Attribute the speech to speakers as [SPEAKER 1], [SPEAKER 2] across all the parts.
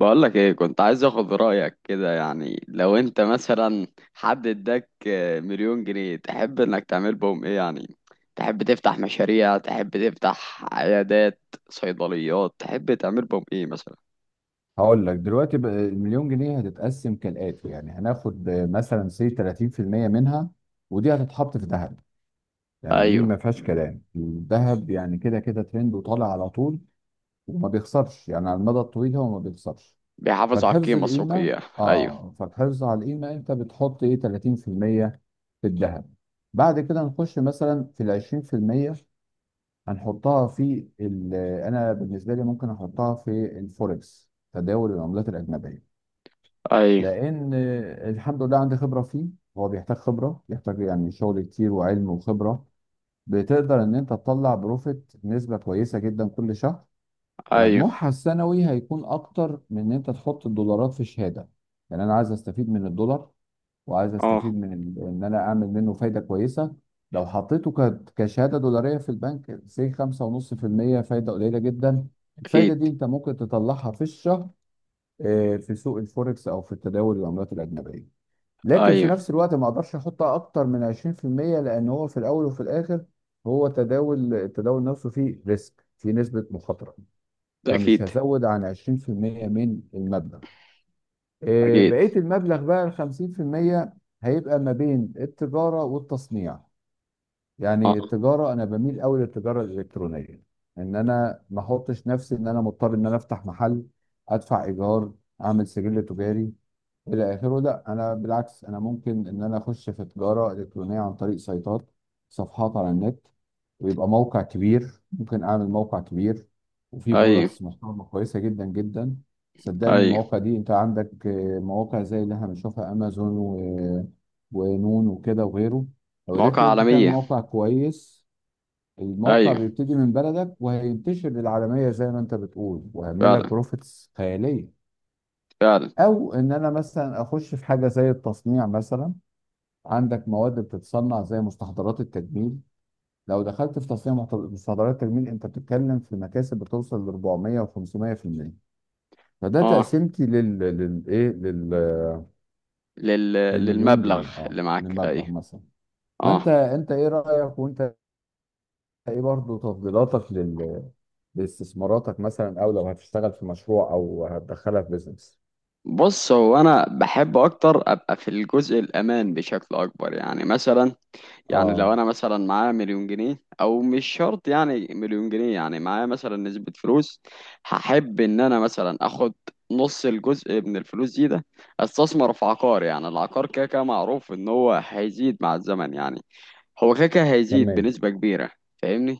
[SPEAKER 1] بقولك ايه، كنت عايز اخد رأيك كده. يعني لو انت مثلا حد اداك مليون جنيه، تحب انك تعمل بهم ايه؟ يعني تحب تفتح مشاريع؟ تحب تفتح عيادات، صيدليات؟ تحب تعمل بهم ايه مثلا؟
[SPEAKER 2] هقول لك دلوقتي بقى المليون جنيه هتتقسم كالآتي، يعني هناخد مثلا سي 30% منها، ودي هتتحط في ذهب. يعني دي
[SPEAKER 1] ايوه.
[SPEAKER 2] ما فيهاش كلام، الذهب يعني كده كده ترند وطالع على طول وما بيخسرش. يعني على المدى الطويل هو ما بيخسرش.
[SPEAKER 1] بيحافظ على
[SPEAKER 2] فالحفظ
[SPEAKER 1] القيمة
[SPEAKER 2] القيمة
[SPEAKER 1] السوقية. ايوه.
[SPEAKER 2] فالحفظ على القيمة، انت بتحط ايه 30 في المية في الذهب. بعد كده نخش مثلا في ال 20%، هنحطها في ال- انا بالنسبة لي ممكن احطها في الفوركس، تداول العملات الأجنبية.
[SPEAKER 1] ايوه.
[SPEAKER 2] لان الحمد لله عندي خبره فيه، هو بيحتاج خبره، بيحتاج يعني شغل كتير وعلم وخبره. بتقدر ان انت تطلع بروفيت نسبه كويسه جدا كل شهر،
[SPEAKER 1] ايوه.
[SPEAKER 2] مجموعها السنوي هيكون اكتر من ان انت تحط الدولارات في شهاده. يعني انا عايز استفيد من الدولار، وعايز استفيد
[SPEAKER 1] اه.
[SPEAKER 2] من ان انا اعمل منه فايده كويسه. لو حطيته كشهاده دولاريه في البنك سي 5.5%، فايده قليله جدا. الفايده
[SPEAKER 1] اكيد.
[SPEAKER 2] دي انت ممكن تطلعها في الشهر، في سوق الفوركس او في التداول العملات الاجنبيه. لكن في
[SPEAKER 1] ايوه.
[SPEAKER 2] نفس الوقت ما اقدرش احطها اكتر من 20%، لان هو في الاول وفي الاخر، هو تداول، التداول نفسه فيه ريسك، فيه نسبة مخاطرة.
[SPEAKER 1] ده
[SPEAKER 2] فمش
[SPEAKER 1] اكيد.
[SPEAKER 2] هزود عن 20% من المبلغ.
[SPEAKER 1] اكيد.
[SPEAKER 2] بقية المبلغ بقى ال 50% هيبقى ما بين التجارة والتصنيع.
[SPEAKER 1] اه.
[SPEAKER 2] يعني التجارة انا بميل قوي للتجارة الالكترونية، ان انا ما احطش نفسي ان انا مضطر ان انا افتح محل، ادفع ايجار، اعمل سجل تجاري الى اخره. لا انا بالعكس، انا ممكن ان انا اخش في تجاره الكترونيه عن طريق سيطات، صفحات على النت، ويبقى موقع كبير. ممكن اعمل موقع كبير وفيه
[SPEAKER 1] ايوه.
[SPEAKER 2] برودكتس محترمه كويسه جدا جدا. صدقني
[SPEAKER 1] ايوه.
[SPEAKER 2] المواقع دي انت عندك، مواقع زي اللي احنا بنشوفها، امازون ونون وكده وغيره. لو
[SPEAKER 1] مواقع
[SPEAKER 2] قدرت انت تعمل
[SPEAKER 1] عالمية.
[SPEAKER 2] موقع كويس، الموقع
[SPEAKER 1] ايوه.
[SPEAKER 2] بيبتدي من بلدك وهينتشر للعالميه زي ما انت بتقول، وهيعمل لك
[SPEAKER 1] فعلا.
[SPEAKER 2] بروفيتس خياليه.
[SPEAKER 1] فعلا.
[SPEAKER 2] او ان انا مثلا اخش في حاجه زي التصنيع مثلا. عندك مواد بتتصنع زي مستحضرات التجميل، لو دخلت في تصنيع مستحضرات التجميل انت بتتكلم في مكاسب بتوصل ل 400 و500%. فده
[SPEAKER 1] اه.
[SPEAKER 2] تقسيمتي لل
[SPEAKER 1] لل...
[SPEAKER 2] للمليون
[SPEAKER 1] للمبلغ
[SPEAKER 2] جنيه، اه،
[SPEAKER 1] اللي معاك، ايوه.
[SPEAKER 2] للمبلغ مثلا. فانت
[SPEAKER 1] اه.
[SPEAKER 2] انت ايه رايك، وانت ايه برضه تفضيلاتك لاستثماراتك مثلا، او لو هتشتغل في مشروع او هتدخلها في بيزنس.
[SPEAKER 1] بص، هو انا بحب اكتر ابقى في الجزء الامان بشكل اكبر. يعني مثلا، يعني
[SPEAKER 2] اه،
[SPEAKER 1] لو انا مثلا معايا مليون جنيه، او مش شرط يعني مليون جنيه، يعني معايا مثلا نسبة فلوس. هحب ان انا مثلا اخد نص الجزء من الفلوس ده، استثمر في عقار. يعني العقار كده كده معروف ان هو هيزيد مع الزمن يعني. هو كده كده هيزيد
[SPEAKER 2] تمام.
[SPEAKER 1] بنسبة كبيرة. فاهمني.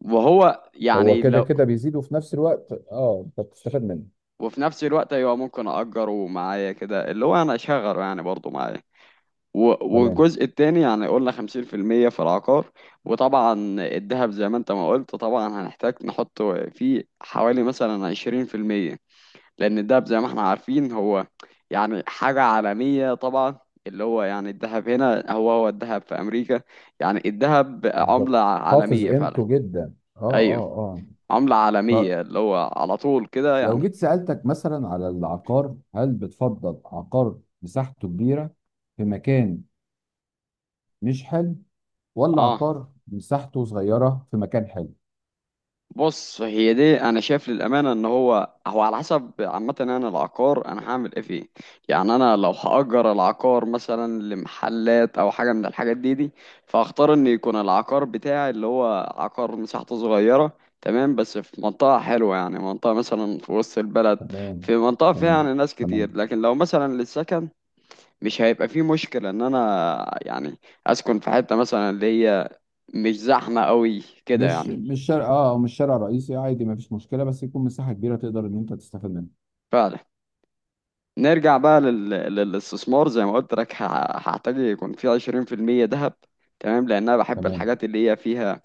[SPEAKER 1] وهو
[SPEAKER 2] هو
[SPEAKER 1] يعني
[SPEAKER 2] كده
[SPEAKER 1] لو...
[SPEAKER 2] كده بيزيد وفي نفس الوقت اه انت بتستفاد منه.
[SPEAKER 1] وفي نفس الوقت ايوه، ممكن اجره معايا كده، اللي هو انا اشغله يعني برضه معايا.
[SPEAKER 2] تمام،
[SPEAKER 1] والجزء التاني يعني، قلنا 50% في العقار. وطبعا الذهب زي ما انت ما قلت، طبعا هنحتاج نحط فيه حوالي مثلا 20%، لأن الذهب زي ما احنا عارفين هو يعني حاجة عالمية طبعا. اللي هو يعني الذهب هنا هو هو الذهب في أمريكا. يعني الذهب عملة
[SPEAKER 2] بالظبط، حافظ
[SPEAKER 1] عالمية فعلا.
[SPEAKER 2] قيمته جدا. اه،
[SPEAKER 1] أيوه.
[SPEAKER 2] اه، اه.
[SPEAKER 1] عملة
[SPEAKER 2] طب
[SPEAKER 1] عالمية اللي هو على طول كده
[SPEAKER 2] لو
[SPEAKER 1] يعني.
[SPEAKER 2] جيت سألتك مثلا على العقار، هل بتفضل عقار مساحته كبيرة في مكان مش حلو، ولا
[SPEAKER 1] اه.
[SPEAKER 2] عقار مساحته صغيرة في مكان حلو؟
[SPEAKER 1] بص، هي دي انا شايف للامانه ان هو هو على حسب، عامه انا العقار انا هعمل ايه فيه. يعني انا لو هاجر العقار مثلا لمحلات او حاجه من الحاجات دي، فاختار ان يكون العقار بتاعي اللي هو عقار مساحته صغيره، تمام، بس في منطقه حلوه، يعني منطقه مثلا في وسط البلد، في
[SPEAKER 2] تمام.
[SPEAKER 1] منطقه فيها
[SPEAKER 2] تمام.
[SPEAKER 1] يعني ناس كتير.
[SPEAKER 2] تمام.
[SPEAKER 1] لكن لو مثلا للسكن، مش هيبقى فيه مشكله ان انا يعني اسكن في حته مثلا اللي هي مش زحمه قوي كده
[SPEAKER 2] مش
[SPEAKER 1] يعني.
[SPEAKER 2] مش شارع، مش شارع رئيسي عادي، ما فيش مشكلة، بس يكون مساحة كبيرة تقدر ان انت تستفاد منها.
[SPEAKER 1] فعلا. نرجع بقى لل... للاستثمار زي ما قلت لك. هحتاج يكون في 20% ذهب، تمام، لأن أنا بحب
[SPEAKER 2] تمام،
[SPEAKER 1] الحاجات اللي هي فيها،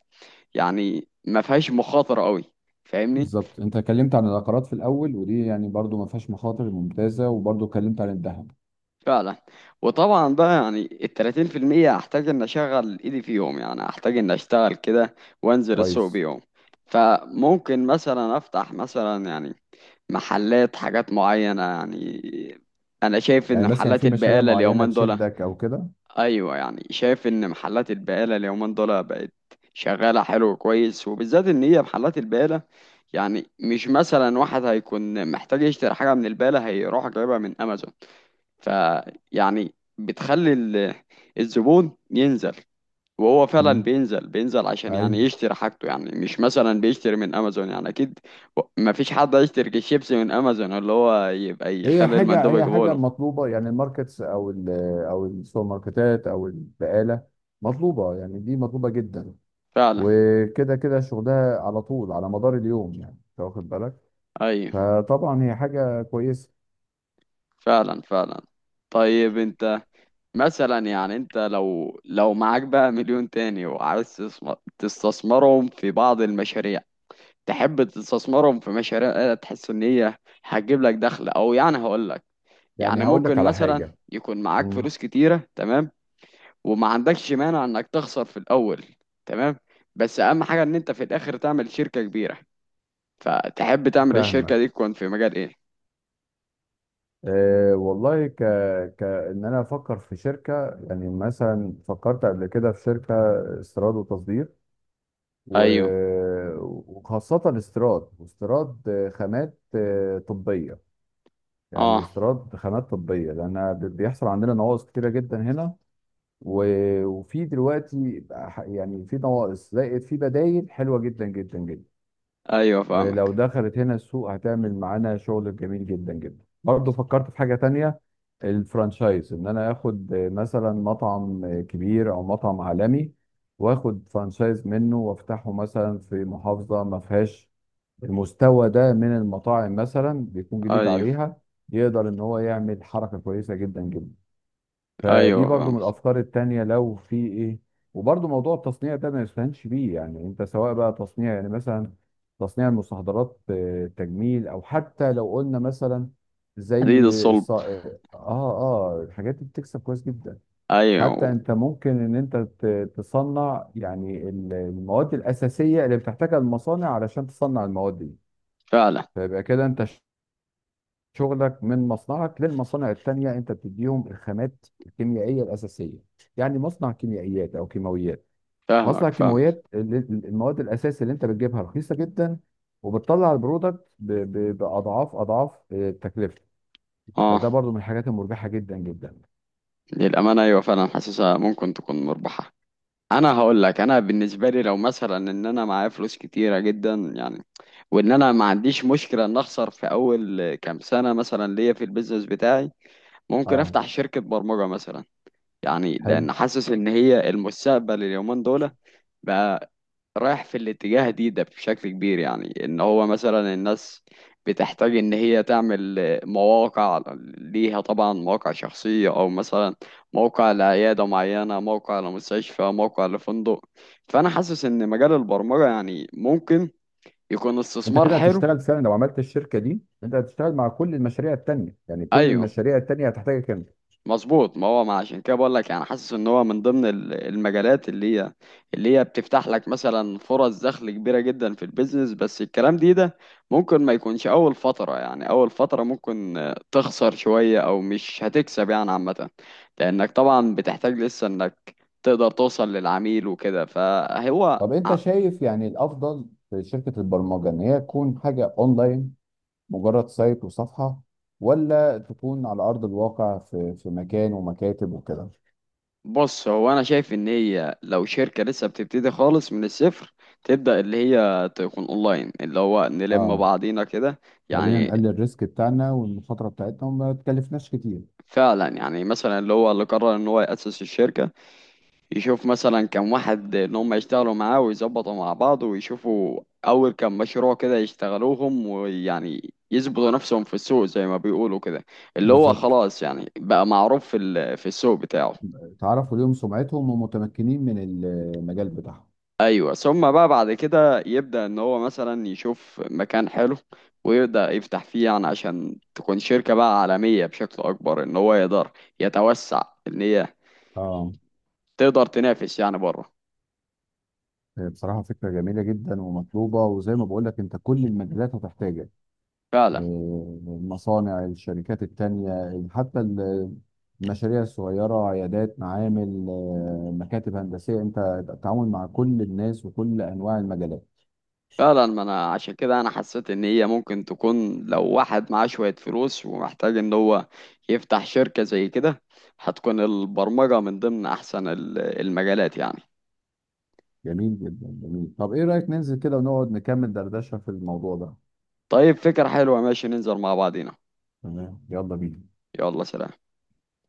[SPEAKER 1] يعني ما فيهاش مخاطرة قوي. فاهمني.
[SPEAKER 2] بالظبط. انت اتكلمت عن العقارات في الاول، ودي يعني برضو ما فيهاش مخاطر، ممتازه، وبرضو اتكلمت عن الذهب.
[SPEAKER 1] فعلا. وطبعا بقى يعني ال 30% هحتاج إن أشغل إيدي فيهم. يعني هحتاج إن أشتغل كده وأنزل السوق
[SPEAKER 2] كويس.
[SPEAKER 1] بيهم. فممكن مثلا أفتح مثلا يعني محلات حاجات معينة يعني. أنا شايف
[SPEAKER 2] يعني
[SPEAKER 1] إن
[SPEAKER 2] مثلا
[SPEAKER 1] محلات
[SPEAKER 2] في مشاريع
[SPEAKER 1] البقالة
[SPEAKER 2] معينه
[SPEAKER 1] اليومين دول...
[SPEAKER 2] تشدك او كده؟
[SPEAKER 1] ايوه، يعني شايف ان محلات البقاله اليومين دول بقت شغاله حلو، كويس، وبالذات ان هي محلات البقاله، يعني مش مثلا واحد هيكون محتاج يشتري حاجه من البقاله هيروح جايبها من امازون. فيعني بتخلي الزبون ينزل. وهو فعلا
[SPEAKER 2] مم.
[SPEAKER 1] بينزل بينزل عشان يعني
[SPEAKER 2] ايوه.
[SPEAKER 1] يشتري حاجته، يعني مش مثلا بيشتري من امازون يعني اكيد. ما فيش حد هيشتري الشيبسي من امازون اللي هو يبقى
[SPEAKER 2] هي
[SPEAKER 1] يخلي
[SPEAKER 2] حاجه،
[SPEAKER 1] المندوب
[SPEAKER 2] هي
[SPEAKER 1] يجيبه
[SPEAKER 2] حاجه
[SPEAKER 1] له.
[SPEAKER 2] مطلوبه يعني، الماركتس او او السوبر ماركتات او البقاله، مطلوبه يعني، دي مطلوبه جدا.
[SPEAKER 1] فعلا.
[SPEAKER 2] وكده كده شغلها على طول على مدار اليوم، يعني انت واخد بالك.
[SPEAKER 1] ايوه.
[SPEAKER 2] فطبعا هي حاجه كويسه.
[SPEAKER 1] فعلا. فعلا. طيب انت، مثلا يعني انت لو معاك بقى مليون تاني وعايز تستثمرهم في بعض المشاريع. تحب تستثمرهم في مشاريع تحس ان هي هتجيب لك دخل؟ او يعني هقول لك،
[SPEAKER 2] يعني
[SPEAKER 1] يعني
[SPEAKER 2] هقول لك
[SPEAKER 1] ممكن
[SPEAKER 2] على
[SPEAKER 1] مثلا
[SPEAKER 2] حاجه.
[SPEAKER 1] يكون معاك
[SPEAKER 2] مم.
[SPEAKER 1] فلوس كتيرة، تمام، وما عندكش مانع انك تخسر في الاول، تمام، بس اهم حاجة ان انت في الاخر تعمل شركة كبيرة. فتحب تعمل الشركة دي
[SPEAKER 2] فاهمك.
[SPEAKER 1] تكون في مجال ايه؟
[SPEAKER 2] أه والله، كأن أنا أفكر في شركة. يعني مثلا فكرت قبل كده في شركة استيراد وتصدير و...
[SPEAKER 1] ايوه.
[SPEAKER 2] وخاصة استيراد، واستيراد خامات طبية. يعني
[SPEAKER 1] اه.
[SPEAKER 2] استيراد خامات طبية، لأن بيحصل عندنا نواقص كتيرة جدا هنا. و... وفي دلوقتي يعني في نواقص زائد في بدايل حلوة جدا جدا جدا.
[SPEAKER 1] ايوه. فاهمك.
[SPEAKER 2] ولو دخلت هنا السوق، هتعمل معانا شغل جميل جدا جدا. برضه فكرت في حاجة تانية، الفرانشايز. ان انا اخد مثلا مطعم كبير او مطعم عالمي، واخد فرانشايز منه وافتحه مثلا في محافظة ما فيهاش المستوى ده من المطاعم، مثلا بيكون جديد
[SPEAKER 1] ايوه.
[SPEAKER 2] عليها، يقدر ان هو يعمل حركة كويسة جدا جدا. فدي
[SPEAKER 1] ايوه.
[SPEAKER 2] برضو من
[SPEAKER 1] فاهمك.
[SPEAKER 2] الافكار التانية لو في ايه. وبرضو موضوع التصنيع ده ما يستهانش بيه. يعني انت سواء بقى تصنيع، يعني مثلا تصنيع المستحضرات، تجميل، او حتى لو قلنا مثلا زي
[SPEAKER 1] حديد الصلب.
[SPEAKER 2] الص... اه اه، الحاجات دي بتكسب كويس جدا. حتى
[SPEAKER 1] ايوه.
[SPEAKER 2] انت ممكن ان انت تصنع يعني المواد الاساسية اللي بتحتاجها المصانع علشان تصنع المواد دي.
[SPEAKER 1] فعلا.
[SPEAKER 2] فيبقى كده انت شغلك من مصنعك للمصانع التانية، انت بتديهم الخامات الكيميائية الأساسية. يعني مصنع كيميائيات أو كيماويات، مصنع
[SPEAKER 1] فاهمك. فاهمك.
[SPEAKER 2] كيماويات المواد الأساس اللي انت بتجيبها رخيصة جدا، وبتطلع البرودكت بأضعاف أضعاف تكلفته.
[SPEAKER 1] اه.
[SPEAKER 2] فده برضو من الحاجات المربحة جدا جدا.
[SPEAKER 1] للأمانة أيوة فعلا، حاسسها ممكن تكون مربحة. أنا هقول لك، أنا بالنسبة لي لو مثلا إن أنا معايا فلوس كتيرة جدا يعني، وإن أنا ما عنديش مشكلة إن أخسر في أول كام سنة مثلا ليا في البيزنس بتاعي، ممكن
[SPEAKER 2] اه.
[SPEAKER 1] أفتح شركة برمجة مثلا. يعني
[SPEAKER 2] حلو.
[SPEAKER 1] لأن حاسس إن هي المستقبل اليومين دول بقى، رايح في الاتجاه ده بشكل كبير. يعني ان هو مثلا الناس بتحتاج ان هي تعمل مواقع ليها طبعا، مواقع شخصية او مثلا موقع لعيادة معينة، موقع لمستشفى، موقع لفندق. فانا حاسس ان مجال البرمجة يعني ممكن يكون
[SPEAKER 2] انت
[SPEAKER 1] استثمار
[SPEAKER 2] كده
[SPEAKER 1] حلو.
[SPEAKER 2] هتشتغل فعلا، لو عملت الشركة دي انت هتشتغل مع كل المشاريع التانية، يعني كل
[SPEAKER 1] ايوه،
[SPEAKER 2] المشاريع التانية هتحتاجك انت.
[SPEAKER 1] مظبوط. ما هو ما عشان كده بقول لك، يعني حاسس ان هو من ضمن المجالات اللي هي بتفتح لك مثلا فرص دخل كبيره جدا في البيزنس. بس الكلام ده ممكن ما يكونش اول فتره، يعني اول فتره ممكن تخسر شويه او مش هتكسب يعني عامه، لانك طبعا بتحتاج لسه انك تقدر توصل للعميل وكده فهو.
[SPEAKER 2] طب انت شايف يعني الافضل في شركه البرمجه ان هي تكون حاجه اونلاين، مجرد سايت وصفحة، ولا تكون على أرض الواقع، في مكان ومكاتب وكده؟
[SPEAKER 1] بص، هو انا شايف ان هي لو شركه لسه بتبتدي خالص من الصفر، تبدا اللي هي تكون اونلاين، اللي هو نلم
[SPEAKER 2] اه،
[SPEAKER 1] بعضينا كده
[SPEAKER 2] خلينا
[SPEAKER 1] يعني.
[SPEAKER 2] نقلل الريسك بتاعنا والمخاطرة بتاعتنا، وما تكلفناش كتير.
[SPEAKER 1] فعلا، يعني مثلا اللي هو اللي قرر ان هو ياسس الشركه، يشوف مثلا كم واحد ان هم يشتغلوا معاه ويظبطوا مع بعض، ويشوفوا اول كم مشروع كده يشتغلوهم، ويعني يثبتوا نفسهم في السوق زي ما بيقولوا كده، اللي هو
[SPEAKER 2] بالظبط.
[SPEAKER 1] خلاص يعني بقى معروف في في السوق بتاعه.
[SPEAKER 2] تعرفوا ليهم سمعتهم ومتمكنين من المجال بتاعهم.
[SPEAKER 1] ايوه، ثم بقى بعد كده يبدأ ان هو مثلا يشوف مكان حلو ويبدأ يفتح فيه، يعني عشان تكون شركة بقى عالمية بشكل اكبر، ان هو يقدر يتوسع ان هي
[SPEAKER 2] اه.
[SPEAKER 1] تقدر تنافس يعني بره.
[SPEAKER 2] بصراحة فكرة جميلة جدا ومطلوبة، وزي ما بقول لك، انت كل المجالات هتحتاجك.
[SPEAKER 1] فعلا.
[SPEAKER 2] المصانع، الشركات التانية، يعني حتى المشاريع الصغيرة، عيادات، معامل، مكاتب هندسية، انت التعامل مع كل الناس وكل انواع المجالات.
[SPEAKER 1] فعلا. ما انا عشان كده انا حسيت ان هي ممكن تكون لو واحد معاه شوية فلوس ومحتاج ان هو يفتح شركة زي كده، هتكون البرمجة من ضمن احسن المجالات يعني.
[SPEAKER 2] جميل جدا، جميل. طب ايه رأيك ننزل كده ونقعد نكمل دردشة في الموضوع ده؟
[SPEAKER 1] طيب، فكرة حلوة. ماشي، ننزل مع بعضينا.
[SPEAKER 2] تمام، يلا بينا.
[SPEAKER 1] يلا سلام.